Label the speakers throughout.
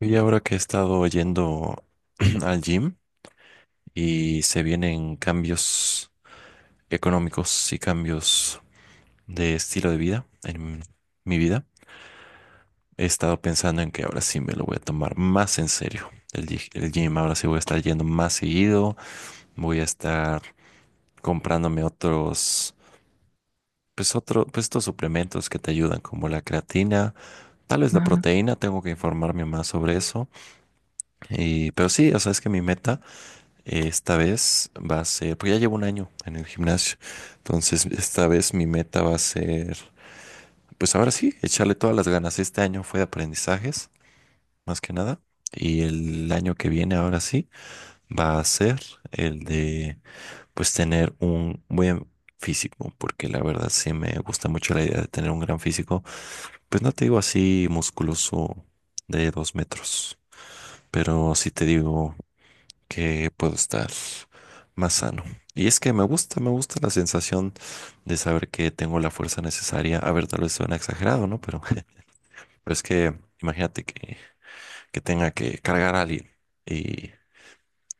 Speaker 1: Y ahora que he estado yendo al gym y se vienen cambios económicos y cambios de estilo de vida en mi vida, he estado pensando en que ahora sí me lo voy a tomar más en serio. El gym ahora sí voy a estar yendo más seguido, voy a estar comprándome otros, pues otro, pues estos suplementos que te ayudan como la creatina, tal vez la
Speaker 2: Ajá,
Speaker 1: proteína, tengo que informarme más sobre eso. Y, pero sí, o sea, es que mi meta, esta vez va a ser, porque ya llevo un año en el gimnasio, entonces esta vez mi meta va a ser, pues ahora sí, echarle todas las ganas. Este año fue de aprendizajes, más que nada, y el año que viene, ahora sí, va a ser el de, pues tener un buen físico, porque la verdad sí me gusta mucho la idea de tener un gran físico, pues no te digo así musculoso de 2 metros, pero sí te digo que puedo estar más sano. Y es que me gusta la sensación de saber que tengo la fuerza necesaria. A ver, tal vez suena exagerado, ¿no? Pero, pero es que imagínate que tenga que cargar a alguien y,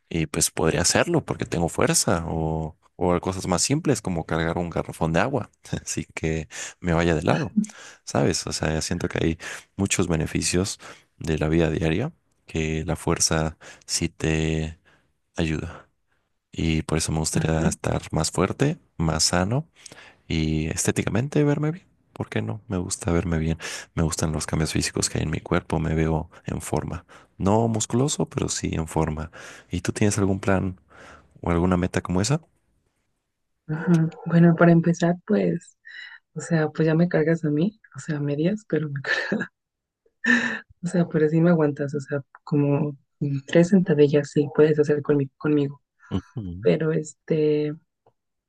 Speaker 1: y pues podría hacerlo porque tengo fuerza o cosas más simples como cargar un garrafón de agua, así que me vaya de lado, ¿sabes? O sea, siento que hay muchos beneficios de la vida diaria que la fuerza sí te ayuda. Y por eso me gustaría
Speaker 2: ajá,
Speaker 1: estar más fuerte, más sano y estéticamente verme bien. ¿Por qué no? Me gusta verme bien. Me gustan los cambios físicos que hay en mi cuerpo. Me veo en forma. No musculoso, pero sí en forma. ¿Y tú tienes algún plan o alguna meta como esa?
Speaker 2: ajá. Bueno, para empezar, pues, o sea, pues ya me cargas a mí, o sea, a medias, pero me cargas, o sea, pero sí me aguantas, o sea, como tres sentadillas sí puedes hacer conmigo,
Speaker 1: Ujú.
Speaker 2: pero este,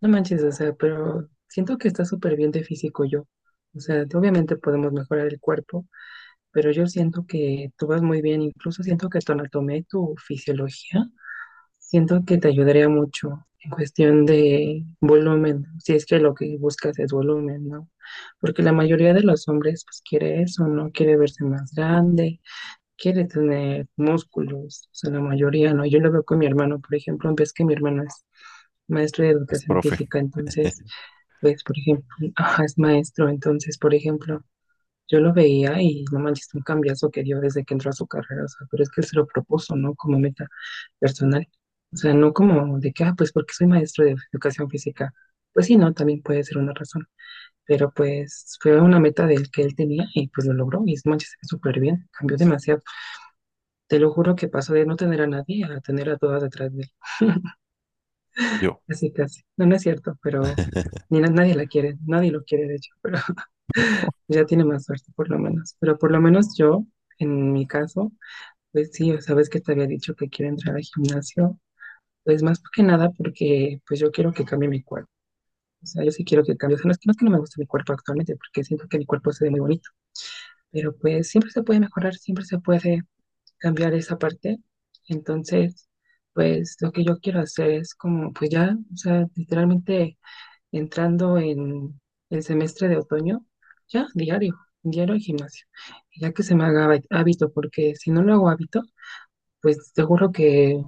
Speaker 2: no manches, o sea, pero siento que está súper bien de físico yo, o sea, obviamente podemos mejorar el cuerpo, pero yo siento que tú vas muy bien, incluso siento que tu anatomía y tu fisiología siento que te ayudaría mucho en cuestión de volumen, si es que lo que buscas es volumen, ¿no? Porque la mayoría de los hombres pues quiere eso, ¿no? Quiere verse más grande, quiere tener músculos, o sea, la mayoría, ¿no? Yo lo veo con mi hermano, por ejemplo, ves que mi hermano es maestro de
Speaker 1: Es
Speaker 2: educación
Speaker 1: profe.
Speaker 2: física. Entonces, pues, por ejemplo, ajá, es maestro, entonces, por ejemplo, yo lo veía y no manches, un cambiazo que dio desde que entró a su carrera, o sea, pero es que él se lo propuso, ¿no? Como meta personal. O sea, no como de que, ah, pues porque soy maestro de educación física. Pues sí, no, también puede ser una razón. Pero pues fue una meta del que él tenía y pues lo logró y no manches, súper bien, cambió demasiado. Te lo juro que pasó de no tener a nadie a tener a todas detrás de él.
Speaker 1: Yo.
Speaker 2: Así casi. No, no es cierto, pero ni nadie la quiere, nadie lo quiere de hecho, pero ya tiene más suerte por lo menos. Pero por lo menos yo, en mi caso, pues sí, o sabes que te había dicho que quiero entrar al gimnasio. Pues más que nada porque pues yo quiero que cambie mi cuerpo. O sea, yo sí quiero que cambie. O sea, no es que, no es que no me gusta mi cuerpo actualmente porque siento que mi cuerpo se ve muy bonito. Pero pues siempre se puede mejorar, siempre se puede cambiar esa parte. Entonces, pues lo que yo quiero hacer es como, pues ya, o sea, literalmente entrando en el semestre de otoño, ya diario, diario al gimnasio. Ya que se me haga hábito porque si no lo hago hábito, pues te juro que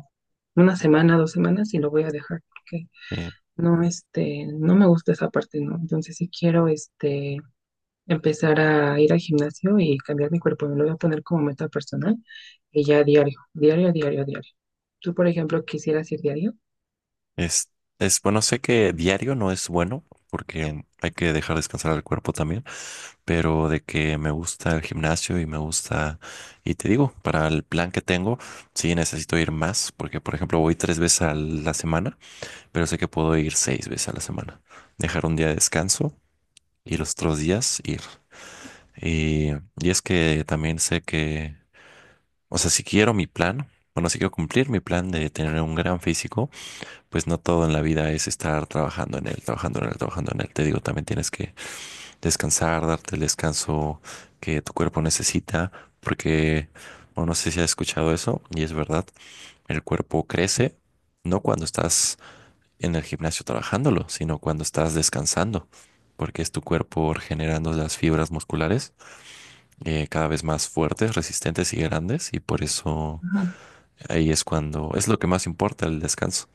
Speaker 2: una semana, dos semanas y lo voy a dejar porque
Speaker 1: Sí.
Speaker 2: no, este, no me gusta esa parte, ¿no? Entonces sí quiero, este, empezar a ir al gimnasio y cambiar mi cuerpo, me lo voy a poner como meta personal y ya diario, diario, diario, diario. Tú, por ejemplo, quisieras ir diario.
Speaker 1: Es, es bueno, sé que diario no es bueno porque hay que dejar descansar al cuerpo también, pero de que me gusta el gimnasio y me gusta, y te digo, para el plan que tengo, sí necesito ir más, porque por ejemplo voy tres veces a la semana, pero sé que puedo ir seis veces a la semana, dejar un día de descanso y los otros días ir. Y, y es que también sé que, o sea, si quiero mi plan, bueno, si quiero cumplir mi plan de tener un gran físico, pues no todo en la vida es estar trabajando en él, trabajando en él, trabajando en él. Te digo, también tienes que descansar, darte el descanso que tu cuerpo necesita, porque, bueno, no sé si has escuchado eso, y es verdad, el cuerpo crece no cuando estás en el gimnasio trabajándolo, sino cuando estás descansando, porque es tu cuerpo regenerando las fibras musculares cada vez más fuertes, resistentes y grandes, y por eso
Speaker 2: Ajá,
Speaker 1: ahí es cuando es lo que más importa el descanso.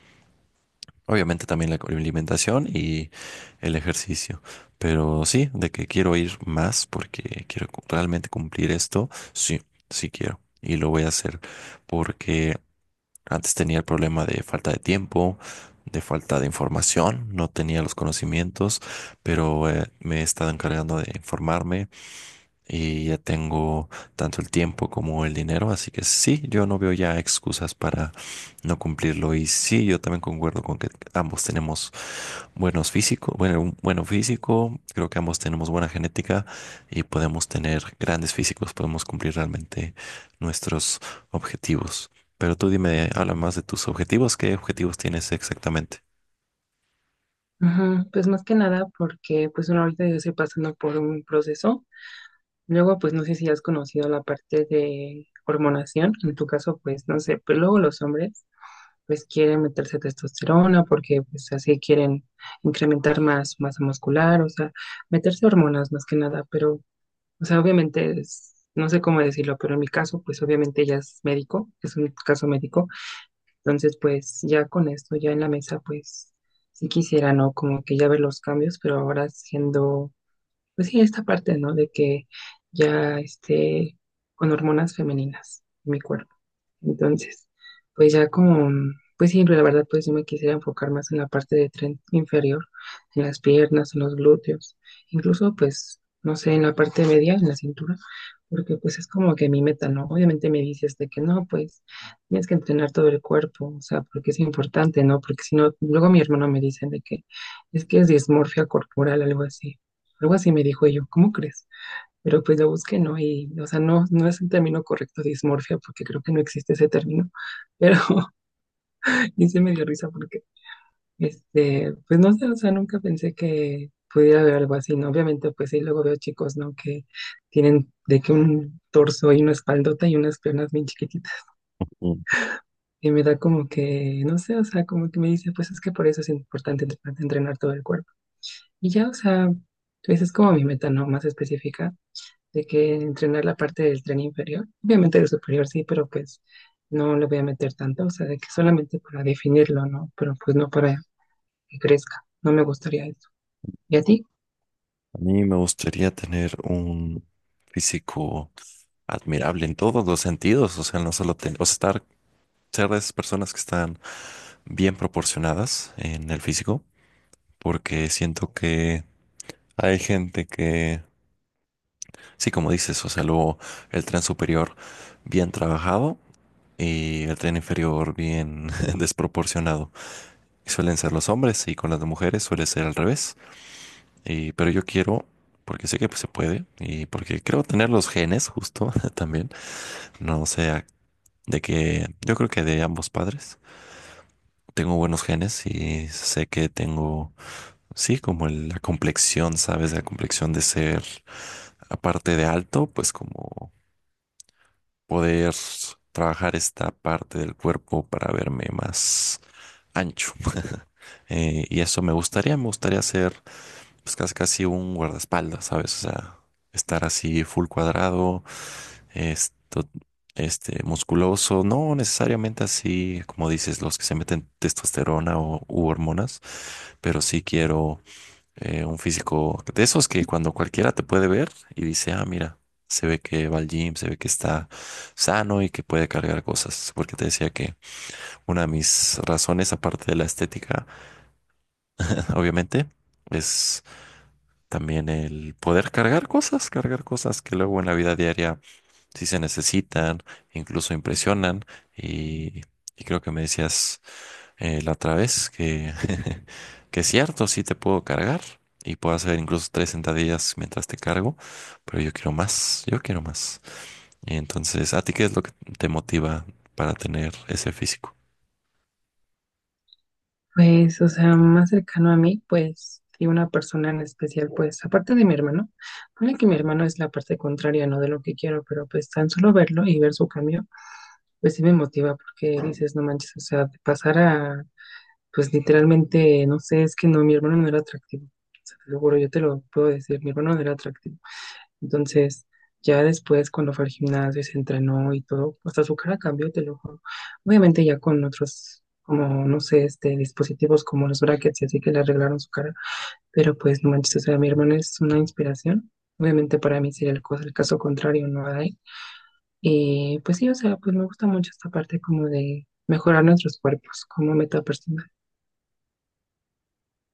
Speaker 1: Obviamente también la alimentación y el ejercicio, pero sí, de que quiero ir más porque quiero realmente cumplir esto, sí, sí quiero y lo voy a hacer porque antes tenía el problema de falta de tiempo, de falta de información, no tenía los conocimientos, pero me he estado encargando de informarme, y ya tengo tanto el tiempo como el dinero, así que sí, yo no veo ya excusas para no cumplirlo. Y sí, yo también concuerdo con que ambos tenemos buenos físicos, bueno, un bueno físico, creo que ambos tenemos buena genética y podemos tener grandes físicos, podemos cumplir realmente nuestros objetivos. Pero tú dime, habla más de tus objetivos, ¿qué objetivos tienes exactamente?
Speaker 2: ajá. Pues más que nada porque pues bueno, ahorita yo estoy pasando por un proceso. Luego, pues no sé si has conocido la parte de hormonación. En tu caso, pues no sé, pero luego los hombres pues quieren meterse testosterona porque pues así quieren incrementar más masa muscular, o sea, meterse hormonas más que nada, pero, o sea, obviamente es, no sé cómo decirlo, pero en mi caso, pues obviamente ella es médico, es un caso médico, entonces pues ya con esto, ya en la mesa, pues sí quisiera, ¿no? Como que ya ver los cambios, pero ahora siendo, pues sí, esta parte, ¿no? De que ya esté con hormonas femeninas en mi cuerpo. Entonces, pues ya como, pues sí, la verdad, pues yo me quisiera enfocar más en la parte de tren inferior, en las piernas, en los glúteos, incluso pues, no sé, en la parte media, en la cintura, porque pues es como que mi meta, ¿no? Obviamente me dices de que no, pues tienes que entrenar todo el cuerpo, o sea, porque es importante, ¿no? Porque si no, luego mi hermano me dice de que es dismorfia corporal, algo así me dijo yo, ¿cómo crees? Pero pues lo busqué, ¿no? Y, o sea, no, no es el término correcto, dismorfia, porque creo que no existe ese término, pero y se me dio risa porque, este, pues no sé, o sea, nunca pensé que pudiera haber algo así, ¿no? Obviamente, pues sí, luego veo chicos, ¿no? Que tienen de que un torso y una espaldota y unas piernas bien chiquititas,
Speaker 1: Mm.
Speaker 2: y me da como que, no sé, o sea, como que me dice, pues es que por eso es importante entrenar todo el cuerpo. Y ya, o sea, pues es como mi meta, ¿no? Más específica de que entrenar la parte del tren inferior, obviamente el superior sí, pero pues no le voy a meter tanto, o sea, de que solamente para definirlo, ¿no? Pero pues no para que crezca, no me gustaría eso. ¿Y a ti?
Speaker 1: A mí me gustaría tener un físico admirable en todos los sentidos, o sea, no solo o sea, estar, ser de esas personas que están bien proporcionadas en el físico, porque siento que hay gente que, sí, como dices, o sea, luego el tren superior bien trabajado y el tren inferior bien desproporcionado. Y suelen ser los hombres y con las mujeres suele ser al revés. Y, pero yo quiero... Porque sé que pues, se puede y porque creo tener los genes justo también. No sea de que yo creo que de ambos padres, tengo buenos genes y sé que tengo, sí, como la complexión, ¿sabes? La complexión de ser, aparte de alto, pues como poder trabajar esta parte del cuerpo para verme más ancho. Y eso me gustaría ser pues casi, casi un guardaespaldas, ¿sabes? O sea, estar así full cuadrado esto, este, musculoso, no necesariamente así, como dices, los que se meten testosterona o, u hormonas, pero sí quiero un físico de esos que cuando cualquiera te puede ver y dice, ah, mira, se ve que va al gym, se ve que está sano y que puede cargar cosas. Porque te decía que una de mis razones, aparte de la estética, obviamente, es también el poder cargar cosas que luego en la vida diaria si se necesitan, incluso impresionan. Y, y creo que me decías la otra vez que, que es cierto, sí te puedo cargar y puedo hacer incluso tres sentadillas mientras te cargo, pero yo quiero más, yo quiero más. Entonces, ¿a ti qué es lo que te motiva para tener ese físico?
Speaker 2: Pues, o sea, más cercano a mí, pues, y una persona en especial, pues, aparte de mi hermano, pone que mi hermano es la parte contraria, ¿no? De lo que quiero, pero pues tan solo verlo y ver su cambio, pues sí me motiva porque dices, no manches, o sea, de pasar a pues literalmente, no sé, es que no, mi hermano no era atractivo. O sea, te lo juro, yo te lo puedo decir, mi hermano no era atractivo. Entonces, ya después, cuando fue al gimnasio y se entrenó y todo, hasta su cara cambió, te lo juro. Obviamente, ya con otros, como, no sé, este, dispositivos como los brackets y así que le arreglaron su cara. Pero pues, no manches, o sea, mi hermano es una inspiración. Obviamente, para mí sería el caso contrario, no hay. Y pues sí, o sea, pues me gusta mucho esta parte como de mejorar nuestros cuerpos como meta personal.